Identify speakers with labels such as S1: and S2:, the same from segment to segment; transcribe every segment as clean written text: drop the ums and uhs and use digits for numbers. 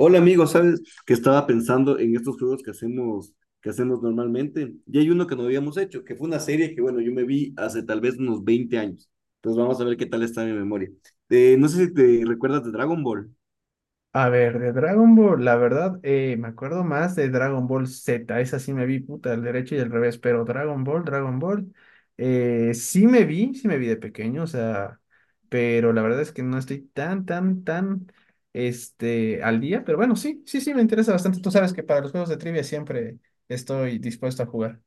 S1: Hola amigo, ¿sabes que estaba pensando en estos juegos que hacemos normalmente? Y hay uno que no habíamos hecho, que fue una serie que, bueno, yo me vi hace tal vez unos 20 años. Entonces vamos a ver qué tal está mi memoria. No sé si te recuerdas de Dragon Ball.
S2: A ver, de Dragon Ball, la verdad, me acuerdo más de Dragon Ball Z, esa sí me vi, puta, al derecho y al revés, pero Dragon Ball, sí me vi de pequeño, o sea, pero la verdad es que no estoy tan al día, pero bueno, sí, me interesa bastante, tú sabes que para los juegos de trivia siempre estoy dispuesto a jugar.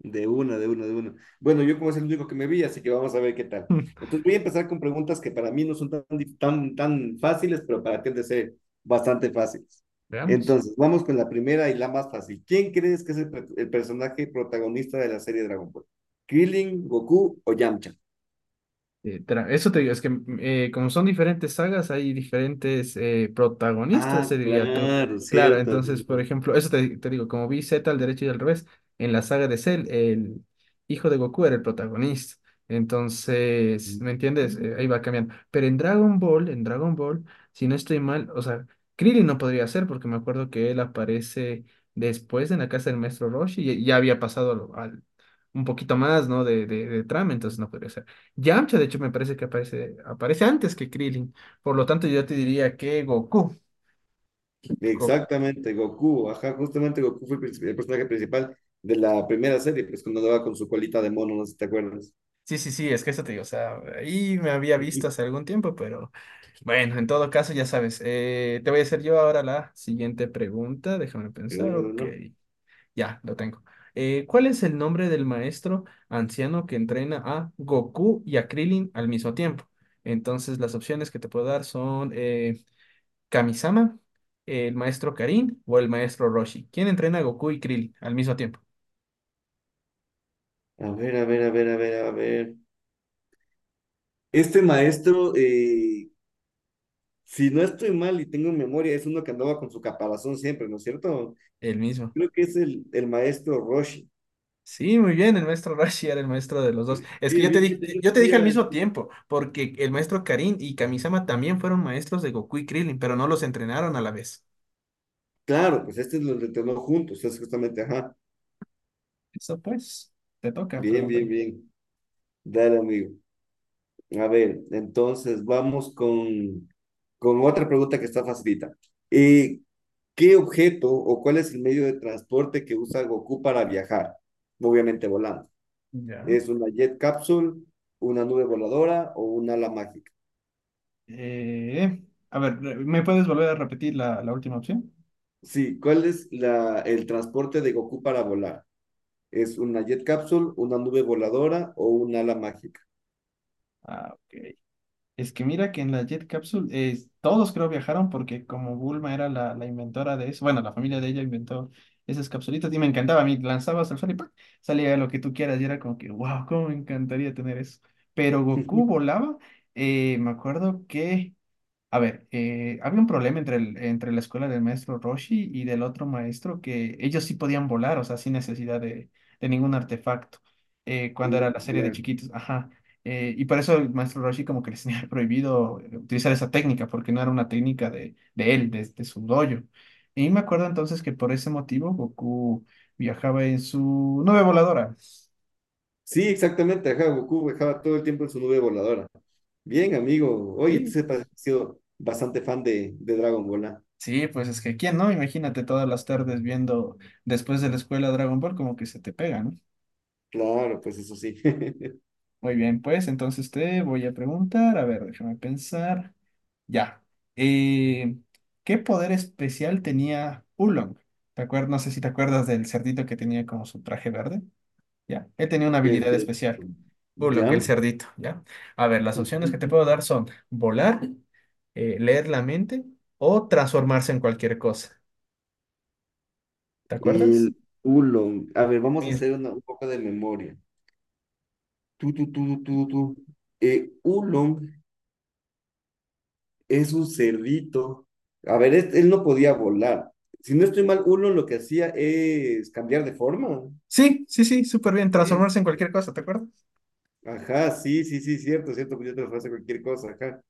S1: De una, de una, de una. Bueno, yo como es el único que me vi, así que vamos a ver qué tal. Entonces voy a empezar con preguntas que para mí no son tan, tan, tan fáciles, pero para ti han de ser bastante fáciles.
S2: Veamos.
S1: Entonces, vamos con la primera y la más fácil. ¿Quién crees que es el, el personaje protagonista de la serie Dragon Ball? ¿Krillin, Goku o Yamcha?
S2: Eso te digo, es que como son diferentes sagas, hay diferentes protagonistas,
S1: Ah,
S2: se diría tú.
S1: claro,
S2: Claro,
S1: cierto,
S2: entonces, por
S1: amigo.
S2: ejemplo, eso te digo, como vi Z al derecho y al revés, en la saga de Cell, el hijo de Goku era el protagonista. Entonces, ¿me entiendes? Ahí va cambiando. Pero en Dragon Ball, si no estoy mal, o sea, Krillin no podría ser porque me acuerdo que él aparece después en la casa del maestro Roshi y ya había pasado un poquito más, ¿no? De trama, entonces no podría ser. Yamcha, de hecho, me parece que aparece antes que Krillin. Por lo tanto, yo te diría que Goku. Go-
S1: Exactamente, Goku. Ajá, justamente Goku fue el el personaje principal de la primera serie, pues cuando andaba con su colita de mono, no sé si te acuerdas.
S2: sí, sí, es que eso te digo. O sea, ahí me había visto hace algún tiempo, pero bueno, en todo caso, ya sabes. Te voy a hacer yo ahora la siguiente pregunta. Déjame pensar.
S1: Uno,
S2: Ok,
S1: uno.
S2: ya, lo tengo. ¿Cuál es el nombre del maestro anciano que entrena a Goku y a Krillin al mismo tiempo? Entonces, las opciones que te puedo dar son Kamisama, el maestro Karin o el maestro Roshi. ¿Quién entrena a Goku y Krill al mismo tiempo?
S1: A ver, a ver, a ver, a ver, a ver. Este maestro, si no estoy mal y tengo memoria, es uno que andaba con su caparazón siempre, ¿no es cierto?
S2: El mismo.
S1: Creo que es el maestro Roshi.
S2: Sí, muy bien, el maestro Roshi era el maestro de los dos. Es que
S1: Bien, bien que tenía
S2: yo te dije al
S1: el-
S2: mismo tiempo, porque el maestro Karin y Kamisama también fueron maestros de Goku y Krillin, pero no los entrenaron a la vez.
S1: Claro, pues este lo entrenó juntos, es justamente, ajá.
S2: Eso pues, te toca
S1: Bien, bien,
S2: preguntarme.
S1: bien. Dale, amigo. A ver, entonces vamos con otra pregunta que está facilita. Eh, ¿Qué objeto o cuál es el medio de transporte que usa Goku para viajar? Obviamente volando.
S2: Ya.
S1: ¿Es una jet capsule, una nube voladora o una ala mágica?
S2: Eh, a ver, ¿me puedes volver a repetir la última opción?
S1: Sí, ¿cuál es la, el transporte de Goku para volar? ¿Es una jet capsule, una nube voladora o una ala mágica?
S2: Ah, ok. Es que mira que en la Jet Capsule todos creo viajaron porque como Bulma era la inventora de eso, bueno, la familia de ella inventó esas capsulitas y me encantaba, a mí lanzabas al sol y ¡pac! Salía lo que tú quieras y era como que, wow, cómo me encantaría tener eso. Pero Goku volaba, me acuerdo que a ver, había un problema entre la escuela del maestro Roshi y del otro maestro que ellos sí podían volar, o sea, sin necesidad de ningún artefacto, cuando
S1: Mm,
S2: era la serie de
S1: claro.
S2: chiquitos, ajá. Y por eso el maestro Roshi como que les tenía prohibido utilizar esa técnica, porque no era una técnica de él, de su dojo. Y me acuerdo entonces que por ese motivo Goku viajaba en su nube voladora.
S1: Sí, exactamente, ajá, Goku viajaba todo el tiempo en su nube voladora. Bien, amigo. Oye, tú
S2: Sí,
S1: sepas que has sido bastante fan de Dragon Ball, ¿ah?
S2: sí, pues es que quién no, imagínate todas las tardes viendo después de la escuela Dragon Ball como que se te pega, ¿no?
S1: Claro, pues eso sí.
S2: Muy bien, pues entonces te voy a preguntar, a ver, déjame pensar. Ya. Eh, ¿Qué poder especial tenía Oolong? ¿Te acuerdas? No sé si te acuerdas del cerdito que tenía como su traje verde. Ya. Él tenía una habilidad
S1: Este,
S2: especial. Oolong, el
S1: ya.
S2: cerdito, ¿ya? A ver, las opciones que te
S1: Ujú.
S2: puedo dar son volar, leer la mente o transformarse en cualquier cosa. ¿Te acuerdas?
S1: El Oolong. A ver, vamos a
S2: Mira.
S1: hacer un poco de memoria. Tú, tú, tú, tú, tú. Oolong es un cerdito. A ver, él no podía volar. Si no estoy mal, Oolong lo que hacía es cambiar de forma.
S2: Sí, sí, sí, súper bien. Transformarse en cualquier cosa, ¿te acuerdas?
S1: Ajá, sí, sí, sí, cierto, cierto, pues yo te lo ofrezco cualquier cosa, ajá.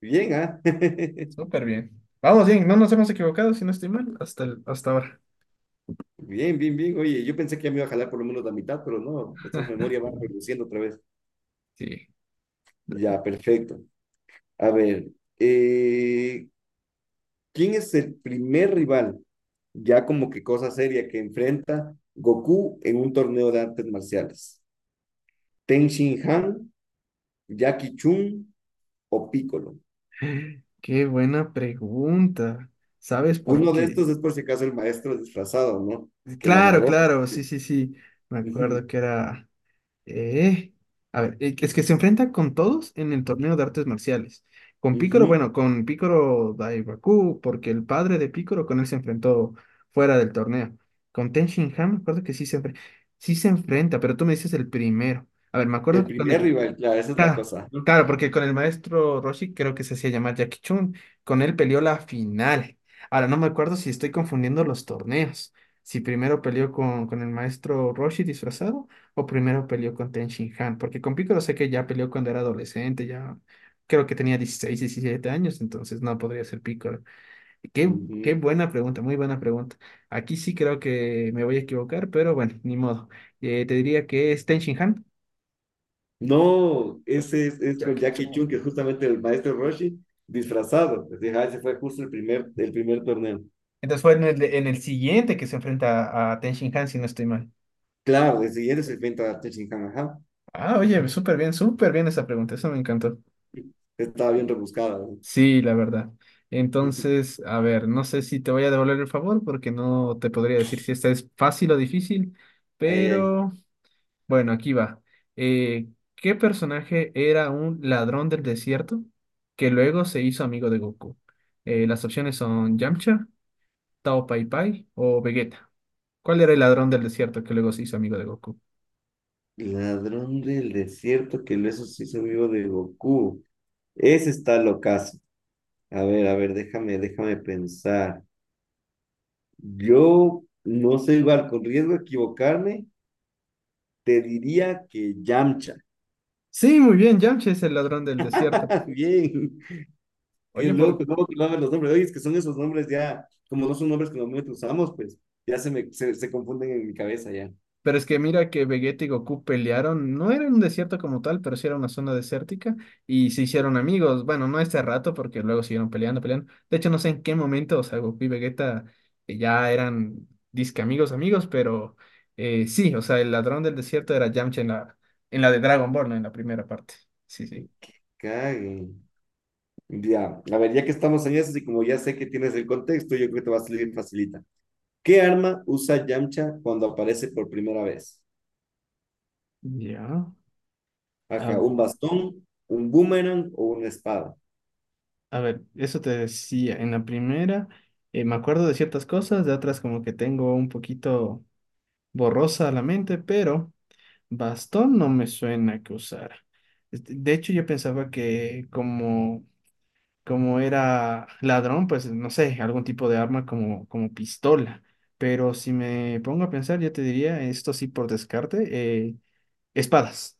S1: Bien, ¿ah?
S2: Súper bien. Vamos bien, no nos hemos equivocado, si no estoy mal, hasta ahora.
S1: Bien, bien, bien. Oye, yo pensé que ya me iba a jalar por lo menos la mitad, pero no, esta memoria va reduciendo otra vez.
S2: Sí.
S1: Ya, perfecto. A ver, eh, ¿quién es el primer rival, ya como que cosa seria, que enfrenta Goku en un torneo de artes marciales? ¿Ten Shin Han, Jackie Chun o Piccolo?
S2: Qué buena pregunta. ¿Sabes por
S1: Uno de
S2: qué?
S1: estos es por si acaso el maestro disfrazado, ¿no? Que lo
S2: Claro,
S1: amagó.
S2: claro, sí, sí, sí. Me
S1: Ujú,
S2: acuerdo que era... eh, A ver, es que se enfrenta con todos en el torneo de artes marciales. Con Picoro,
S1: ujú.
S2: bueno, con Picoro Daibaku, porque el padre de Picoro con él se enfrentó fuera del torneo. Con Ten Shin Han, me acuerdo que sí se enfrenta, pero tú me dices el primero. A ver, me
S1: El
S2: acuerdo que con
S1: primer
S2: el.
S1: rival, claro, esa es la
S2: Ah,
S1: cosa.
S2: claro, porque con el maestro Roshi creo que se hacía llamar Jackie Chun. Con él peleó la final. Ahora no me acuerdo si estoy confundiendo los torneos. Si primero peleó con el maestro Roshi disfrazado o primero peleó con Ten Shin Han. Porque con Piccolo sé que ya peleó cuando era adolescente, ya creo que tenía 16, 17 años, entonces no podría ser Piccolo. Y Qué,
S1: Ujú.
S2: Qué buena pregunta, muy buena pregunta. Aquí sí creo que me voy a equivocar, pero bueno, ni modo. Te diría que es Ten Shin Han.
S1: No, ese es con
S2: Jackie
S1: Jackie
S2: Chun.
S1: Chun, que es justamente el maestro Roshi, disfrazado. Pues, ajá, ese fue justo el primer torneo.
S2: Entonces fue en en el siguiente que se enfrenta a Ten Shin Han, si no estoy mal.
S1: Claro, el siguiente se enfrenta a Tenshinhan, ajá.
S2: Ah, oye, súper bien esa pregunta, eso me encantó.
S1: Estaba bien rebuscada, ¿no?
S2: Sí, la verdad. Entonces, a ver, no sé si te voy a devolver el favor porque no te podría decir si esta es fácil o difícil,
S1: Ay, ay.
S2: pero bueno, aquí va. Eh, ¿Qué personaje era un ladrón del desierto que luego se hizo amigo de Goku? Las opciones son Yamcha, Tao Pai Pai o Vegeta. ¿Cuál era el ladrón del desierto que luego se hizo amigo de Goku?
S1: Ladrón del desierto que lo eso sí amigo de Goku. Ese está locazo. A ver, déjame pensar. Yo no sé igual, con riesgo de equivocarme, te diría que Yamcha.
S2: Sí, muy bien, Yamcha es el ladrón del desierto.
S1: Bien, qué
S2: Oye,
S1: loco,
S2: por...
S1: ¿cómo colaban los nombres? Oye, es que son esos nombres ya, como no son nombres que normalmente usamos, pues ya se se confunden en mi cabeza ya.
S2: Pero es que mira que Vegeta y Goku pelearon, no era un desierto como tal, pero sí era una zona desértica y se hicieron amigos. Bueno, no este rato porque luego siguieron peleando. De hecho, no sé en qué momento, o sea, Goku y Vegeta ya eran disque amigos, pero sí, o sea, el ladrón del desierto era Yamcha en en la de Dragon Ball, ¿no? En la primera parte. Sí, sí.
S1: Cague. Ya, a ver, ya que estamos en eso y como ya sé que tienes el contexto, yo creo que te va a salir facilita. ¿Qué arma usa Yamcha cuando aparece por primera vez?
S2: Ya. A
S1: Ajá, ¿un
S2: ver.
S1: bastón, un boomerang o una espada?
S2: A ver, eso te decía, en la primera me acuerdo de ciertas cosas, de otras como que tengo un poquito borrosa la mente, pero bastón no me suena que usara. Este, de hecho, yo pensaba que como era ladrón, pues no sé, algún tipo de arma como pistola, pero si me pongo a pensar, yo te diría, esto sí por descarte, eh, espadas.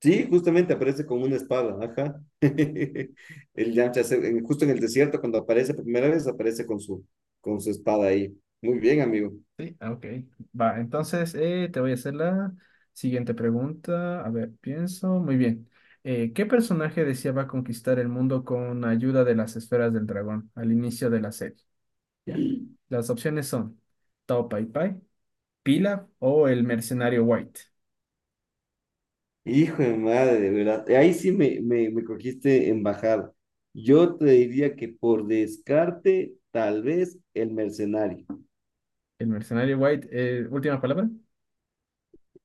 S1: Sí, justamente aparece con una espada, ajá. El Yamcha, justo en el desierto, cuando aparece por primera vez, aparece con su espada ahí. Muy bien, amigo.
S2: Sí, ah, ok. Va, entonces te voy a hacer la siguiente pregunta. A ver, pienso. Muy bien. ¿Qué personaje deseaba conquistar el mundo con ayuda de las esferas del dragón al inicio de la serie? ¿Ya? Las opciones son Tao Pai Pai, Pilaf o el mercenario White.
S1: Hijo de madre, de verdad. Ahí sí me cogiste en bajada. Yo te diría que por descarte, tal vez el mercenario.
S2: El mercenario White, última palabra.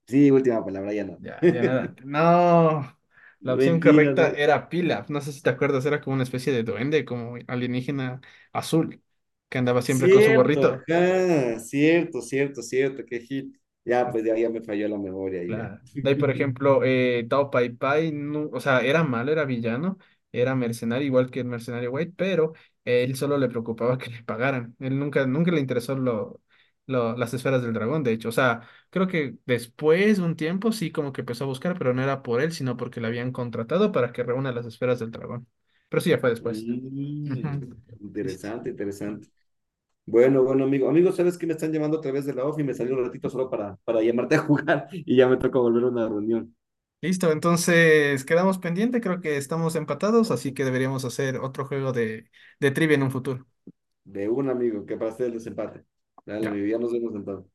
S1: Sí, última palabra, ya no.
S2: Ya, ya nada. No. La opción
S1: Mentiras,
S2: correcta
S1: ¿no?
S2: era Pilaf. No sé si te acuerdas, era como una especie de duende, como alienígena azul, que andaba siempre con su
S1: Cierto,
S2: gorrito.
S1: ajá, cierto, cierto, cierto, qué hit. Ya, pues ya, ya me falló la memoria y ya.
S2: Claro. De ahí, por ejemplo, Tao Pai Pai, o sea, era malo, era villano, era mercenario, igual que el mercenario White, pero él solo le preocupaba que le pagaran. Él nunca le interesó las esferas del dragón, de hecho. O sea, creo que después de un tiempo sí como que empezó a buscar, pero no era por él, sino porque le habían contratado para que reúna las esferas del dragón. Pero sí, ya fue después.
S1: Mm,
S2: Ujú. Sí, sí.
S1: interesante, interesante. Bueno, bueno, amigo. Amigo, ¿sabes que me están llamando a través de la ofi? Y me salió un ratito solo para llamarte a jugar y ya me toca volver a una reunión.
S2: Listo, entonces quedamos pendiente, creo que estamos empatados, así que deberíamos hacer otro juego de trivia en un futuro.
S1: De un amigo, que para hacer el desempate. Dale,
S2: Ya.
S1: amigo, ya nos vemos entonces.